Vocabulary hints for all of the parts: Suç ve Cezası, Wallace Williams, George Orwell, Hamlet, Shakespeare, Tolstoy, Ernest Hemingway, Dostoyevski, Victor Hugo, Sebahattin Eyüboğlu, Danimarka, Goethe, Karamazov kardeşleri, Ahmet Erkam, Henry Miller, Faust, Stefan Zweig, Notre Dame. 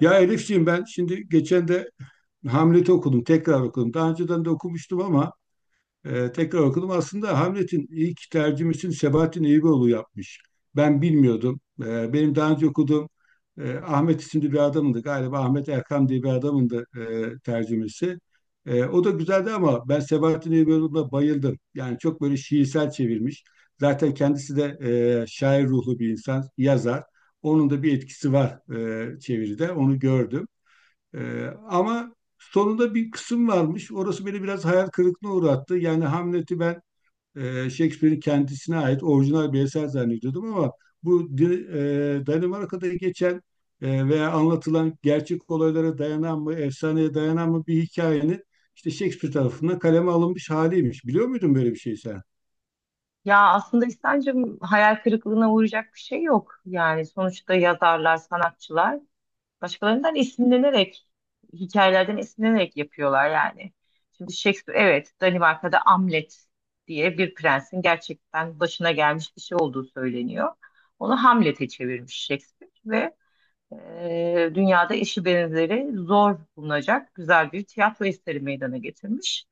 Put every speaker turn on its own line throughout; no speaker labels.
Ya Elifciğim ben şimdi geçen de Hamlet'i okudum, tekrar okudum. Daha önceden de okumuştum ama tekrar okudum. Aslında Hamlet'in ilk tercümesini Sebahattin Eyüboğlu yapmış. Ben bilmiyordum. Benim daha önce okuduğum Ahmet isimli bir adamındı. Galiba Ahmet Erkam diye bir adamındı tercümesi. O da güzeldi ama ben Sebahattin Eyüboğlu'na bayıldım. Yani çok böyle şiirsel çevirmiş. Zaten kendisi de şair ruhlu bir insan, yazar. Onun da bir etkisi var çeviride. Onu gördüm. Ama sonunda bir kısım varmış. Orası beni biraz hayal kırıklığına uğrattı. Yani Hamlet'i ben Shakespeare'in kendisine ait orijinal bir eser zannediyordum ama bu di- Danimarka'da geçen veya anlatılan gerçek olaylara dayanan mı, efsaneye dayanan mı bir hikayenin işte Shakespeare tarafından kaleme alınmış haliymiş. Biliyor muydun böyle bir şey sen?
Ya aslında İhsan'cığım hayal kırıklığına uğrayacak bir şey yok. Yani sonuçta yazarlar, sanatçılar başkalarından esinlenerek, hikayelerden esinlenerek yapıyorlar yani. Şimdi Shakespeare, evet Danimarka'da Hamlet diye bir prensin gerçekten başına gelmiş bir şey olduğu söyleniyor. Onu Hamlet'e çevirmiş Shakespeare ve dünyada eşi benzeri zor bulunacak güzel bir tiyatro eseri meydana getirmiş.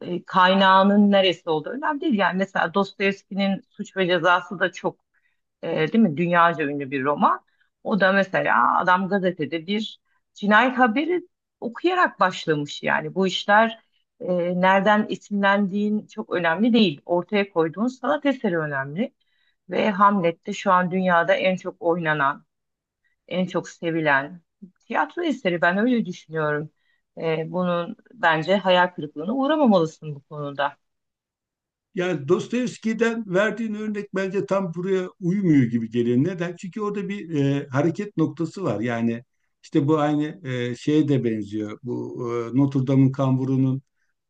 Kaynağının neresi olduğu önemli değil. Yani mesela Dostoyevski'nin Suç ve Cezası da e, değil mi? Dünyaca ünlü bir roman. O da mesela adam gazetede bir cinayet haberi okuyarak başlamış yani. Bu işler e, nereden isimlendiğin çok önemli değil. Ortaya koyduğun sanat eseri önemli. Ve Hamlet'te şu an dünyada en çok oynanan, en çok sevilen tiyatro eseri. Ben öyle düşünüyorum. Bunun bence hayal kırıklığına uğramamalısın bu konuda.
Yani Dostoyevski'den verdiğin örnek bence tam buraya uymuyor gibi geliyor. Neden? Çünkü orada bir hareket noktası var. Yani işte bu aynı şeye de benziyor. Bu Notre Dame'ın kamburunun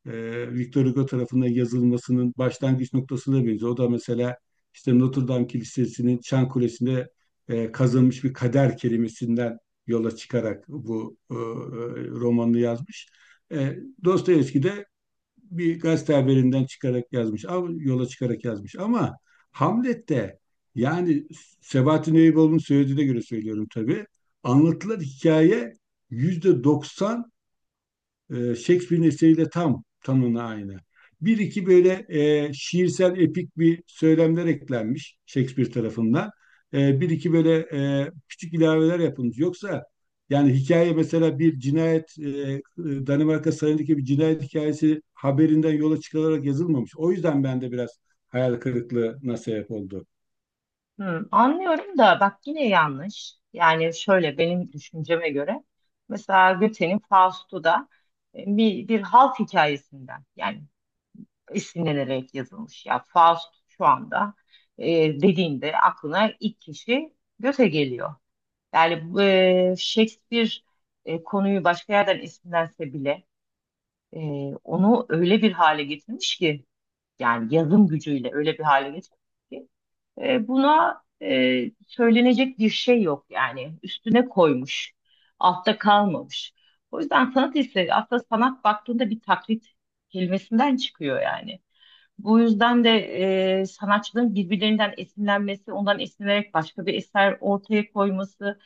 e, Victor Hugo tarafından yazılmasının başlangıç noktasına benziyor. O da mesela işte Notre Dame Kilisesi'nin Çan Kulesi'nde kazılmış bir kader kelimesinden yola çıkarak bu romanını yazmış. E, Dostoyevski de bir gazete haberinden çıkarak yazmış, yola çıkarak yazmış. Ama Hamlet'te yani Sebahattin Eyüboğlu'nun söylediğine göre söylüyorum tabii. Anlatılan hikaye %90 Shakespeare'in eseriyle tam tanına aynı. Bir iki böyle şiirsel epik bir söylemler eklenmiş Shakespeare tarafından. Bir iki böyle küçük ilaveler yapılmış. Yoksa yani hikaye mesela bir cinayet Danimarka sarayındaki bir cinayet hikayesi haberinden yola çıkılarak yazılmamış. O yüzden bende biraz hayal kırıklığına sebep oldu.
Hmm, anlıyorum da bak yine yanlış. Yani şöyle benim düşünceme göre mesela Goethe'nin Faust'u da bir halk hikayesinden yani esinlenerek yazılmış. Ya Faust şu anda e, dediğinde aklına ilk kişi Goethe geliyor. Yani bu, Shakespeare konuyu başka yerden esinlense bile e, onu öyle bir hale getirmiş ki yani yazım gücüyle öyle bir hale getirmiş ki buna söylenecek bir şey yok yani üstüne koymuş, altta kalmamış. O yüzden sanat eseri aslında sanat baktığında bir taklit kelimesinden çıkıyor yani. Bu yüzden de sanatçıların birbirlerinden esinlenmesi, ondan esinlenerek başka bir eser ortaya koyması,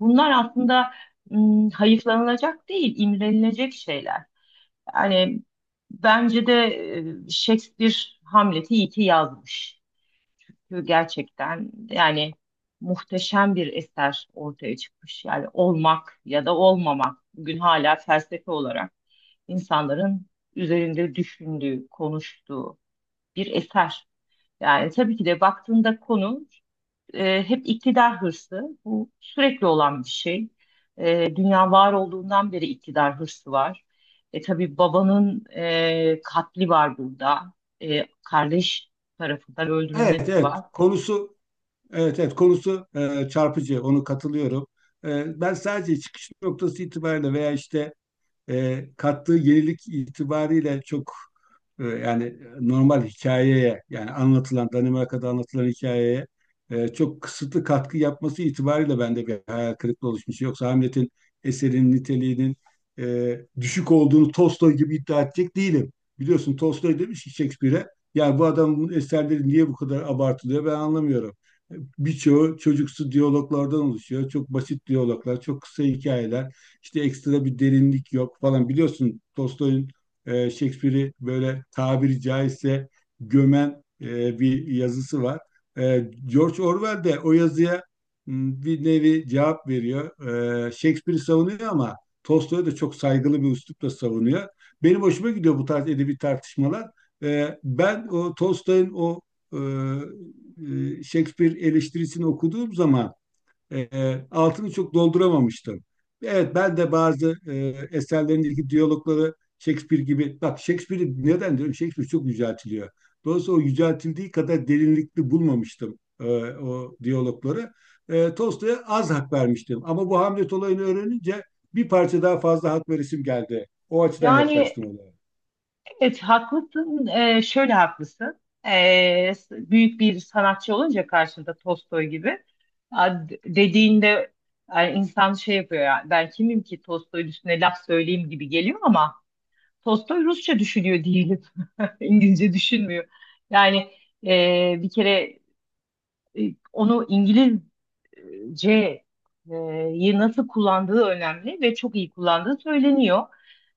bunlar aslında hayıflanılacak değil, imrenilecek şeyler. Yani bence de Shakespeare Hamlet'i iyi ki yazmış. Çünkü gerçekten yani muhteşem bir eser ortaya çıkmış. Yani olmak ya da olmamak bugün hala felsefe olarak insanların üzerinde düşündüğü, konuştuğu bir eser. Yani tabii ki de baktığında konu hep iktidar hırsı. Bu sürekli olan bir şey. Dünya var olduğundan beri iktidar hırsı var. Tabii babanın katli var burada. Kardeş tarafından
Evet,
öldürülmesi
evet
var.
konusu, evet, evet konusu çarpıcı, onu katılıyorum. Ben sadece çıkış noktası itibariyle veya işte kattığı yenilik itibariyle çok yani normal hikayeye, yani anlatılan Danimarka'da anlatılan hikayeye çok kısıtlı katkı yapması itibariyle bende bir hayal kırıklığı oluşmuş. Yoksa Hamlet'in eserin niteliğinin düşük olduğunu Tolstoy gibi iddia edecek değilim. Biliyorsun Tolstoy demiş ki Shakespeare'e, ya bu adamın eserleri niye bu kadar abartılıyor, ben anlamıyorum. Birçoğu çocuksu diyaloglardan oluşuyor. Çok basit diyaloglar, çok kısa hikayeler. İşte ekstra bir derinlik yok falan. Biliyorsun Tolstoy'un Shakespeare'i böyle tabiri caizse gömen bir yazısı var. George Orwell de o yazıya bir nevi cevap veriyor. Shakespeare'i savunuyor ama Tolstoy'u da çok saygılı bir üslupla savunuyor. Benim hoşuma gidiyor bu tarz edebi tartışmalar. Ben o Tolstoy'un o e, Shakespeare eleştirisini okuduğum zaman altını çok dolduramamıştım. Evet, ben de bazı eserlerindeki diyalogları Shakespeare gibi, bak Shakespeare'i neden diyorum, Shakespeare çok yüceltiliyor. Dolayısıyla o yüceltildiği kadar derinlikli bulmamıştım o diyalogları. Tolstoy'a az hak vermiştim ama bu Hamlet olayını öğrenince bir parça daha fazla hak verisim geldi. O açıdan
Yani
yaklaştım olaya.
evet haklısın. Şöyle haklısın. Büyük bir sanatçı olunca karşında Tolstoy gibi dediğinde yani insan şey yapıyor ya ben kimim ki Tolstoy'un üstüne laf söyleyeyim gibi geliyor ama Tolstoy Rusça düşünüyor değilim. İngilizce düşünmüyor. Yani bir kere e, onu İngilizce e, yi nasıl kullandığı önemli ve çok iyi kullandığı söyleniyor.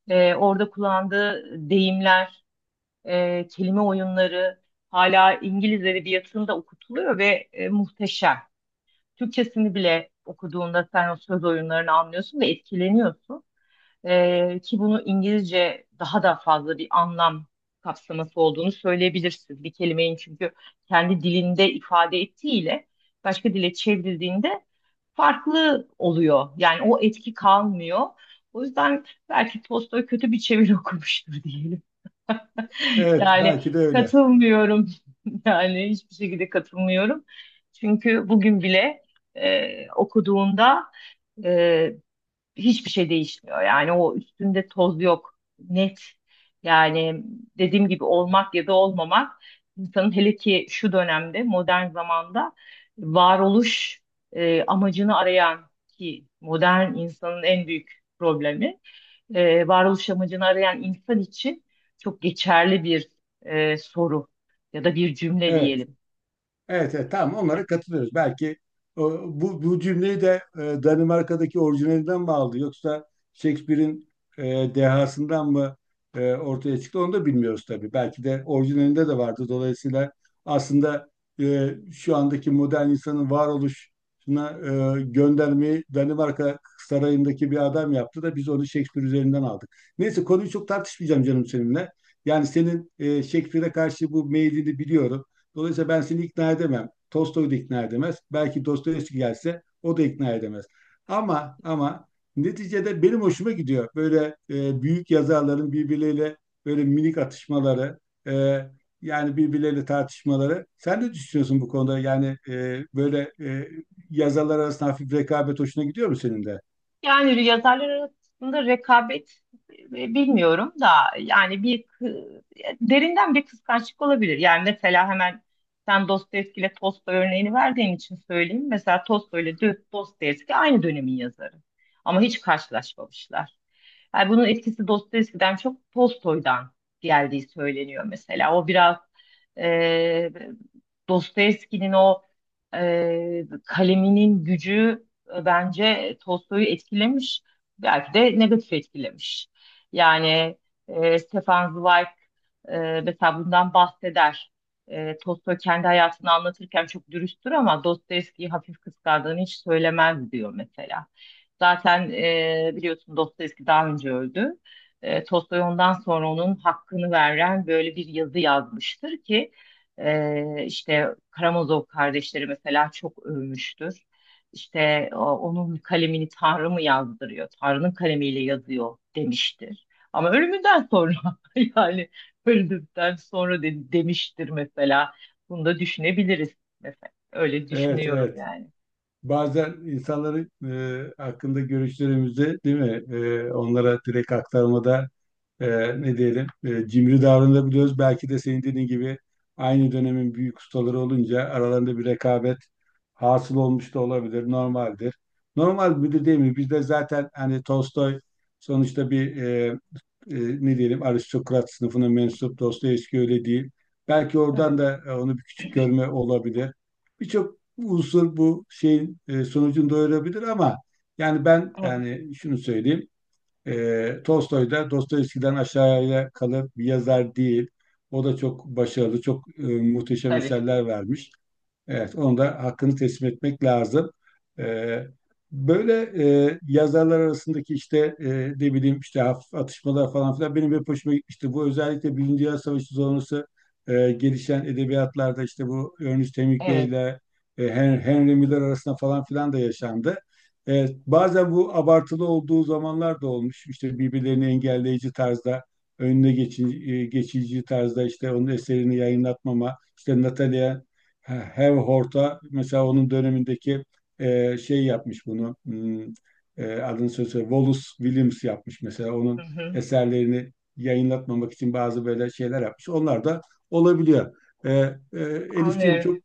Orada kullandığı deyimler, kelime oyunları hala İngiliz edebiyatında okutuluyor ve muhteşem. Türkçesini bile okuduğunda sen o söz oyunlarını anlıyorsun ve etkileniyorsun. Ki bunu İngilizce daha da fazla bir anlam kapsaması olduğunu söyleyebilirsin. Bir kelimenin çünkü kendi dilinde ifade ettiğiyle başka dile çevrildiğinde farklı oluyor. Yani o etki kalmıyor. O yüzden belki Tolstoy kötü bir çeviri okumuştur diyelim.
Evet
Yani
belki de öyle.
katılmıyorum. Yani hiçbir şekilde katılmıyorum. Çünkü bugün bile okuduğunda e, hiçbir şey değişmiyor. Yani o üstünde toz yok. Net. Yani dediğim gibi olmak ya da olmamak insanın hele ki şu dönemde modern zamanda varoluş amacını arayan ki modern insanın en büyük problemi varoluş amacını arayan insan için çok geçerli bir soru ya da bir cümle
Evet.
diyelim.
Evet, evet tamam, onlara katılıyoruz. Belki bu cümleyi de Danimarka'daki orijinalinden mi aldı yoksa Shakespeare'in dehasından mı ortaya çıktı, onu da bilmiyoruz tabii. Belki de orijinalinde de vardı. Dolayısıyla aslında şu andaki modern insanın varoluşuna göndermeyi Danimarka sarayındaki bir adam yaptı da biz onu Shakespeare üzerinden aldık. Neyse, konuyu çok tartışmayacağım canım seninle. Yani senin Shakespeare'e karşı bu meylini biliyorum. Dolayısıyla ben seni ikna edemem. Tolstoy da ikna edemez. Belki Dostoyevski gelse o da ikna edemez. Ama neticede benim hoşuma gidiyor böyle büyük yazarların birbirleriyle böyle minik atışmaları, e, yani birbirleriyle tartışmaları. Sen ne düşünüyorsun bu konuda? Yani böyle yazarlar arasında hafif rekabet hoşuna gidiyor mu senin de?
Yani yazarlar arasında rekabet bilmiyorum da yani derinden bir kıskançlık olabilir. Yani mesela hemen sen Dostoyevski ile Tolstoy örneğini verdiğin için söyleyeyim. Mesela Tolstoy ile Dostoyevski aynı dönemin yazarı ama hiç karşılaşmamışlar. Yani bunun etkisi Dostoyevski'den çok Tolstoy'dan geldiği söyleniyor mesela. O biraz e, Dostoyevski'nin o kaleminin gücü bence Tolstoy'u etkilemiş, belki de negatif etkilemiş. Yani Stefan Zweig mesela bundan bahseder. Tolstoy kendi hayatını anlatırken çok dürüsttür ama Dostoyevski'yi hafif kıskandığını hiç söylemez diyor mesela. Zaten biliyorsun Dostoyevski daha önce öldü. Tolstoy ondan sonra onun hakkını veren böyle bir yazı yazmıştır ki işte Karamazov kardeşleri mesela çok övmüştür işte onun kalemini Tanrı mı yazdırıyor? Tanrı'nın kalemiyle yazıyor demiştir. Ama ölümünden sonra yani öldükten sonra demiştir mesela. Bunu da düşünebiliriz mesela. Öyle
Evet,
düşünüyorum
evet.
yani.
Bazen insanların hakkında görüşlerimizi, değil mi, onlara direkt aktarmada e, ne diyelim, cimri davranabiliyoruz. Belki de senin dediğin gibi aynı dönemin büyük ustaları olunca aralarında bir rekabet hasıl olmuş da olabilir. Normaldir. Normal bir de değil mi? Bizde zaten hani Tolstoy sonuçta bir ne diyelim aristokrat sınıfına mensup, Dostoyevski öyle değil. Belki oradan
Tabii.
da onu bir küçük görme olabilir. Birçok unsur bu şeyin sonucunu doyurabilir ama yani ben,
Evet.
yani şunu söyleyeyim. Tolstoy da Dostoyevski'den aşağıya kalır bir yazar değil. O da çok başarılı, çok muhteşem
Tabii.
eserler vermiş. Evet, onu da hakkını teslim etmek lazım. Ee, Böyle yazarlar arasındaki işte ne bileyim işte hafif atışmalar falan filan benim hep hoşuma gitmişti. Bu özellikle Birinci Dünya Savaşı sonrası gelişen edebiyatlarda işte bu Ernest Hemingway
Evet.
ile Henry Miller arasında falan filan da yaşandı. Bazen bu abartılı olduğu zamanlar da olmuş. İşte birbirlerini engelleyici tarzda, önüne geçici tarzda işte onun eserini yayınlatmama, işte Natalia Hev Horta mesela onun dönemindeki şey yapmış bunu, hmm, adını söylese Wallace Williams yapmış mesela
Hı
onun
hı.
eserlerini yayınlatmamak için bazı böyle şeyler yapmış. Onlar da olabiliyor. E, e, Elifciğim
Anlıyorum.
çok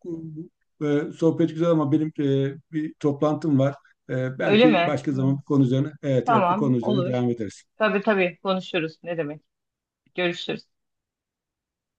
sohbet güzel ama benim bir toplantım var.
Öyle
Belki
mi?
başka
Hı.
zaman bu konu üzerine, evet, evet bu konu
Tamam,
üzerine
olur.
devam ederiz.
Tabii tabii konuşuruz. Ne demek? Görüşürüz.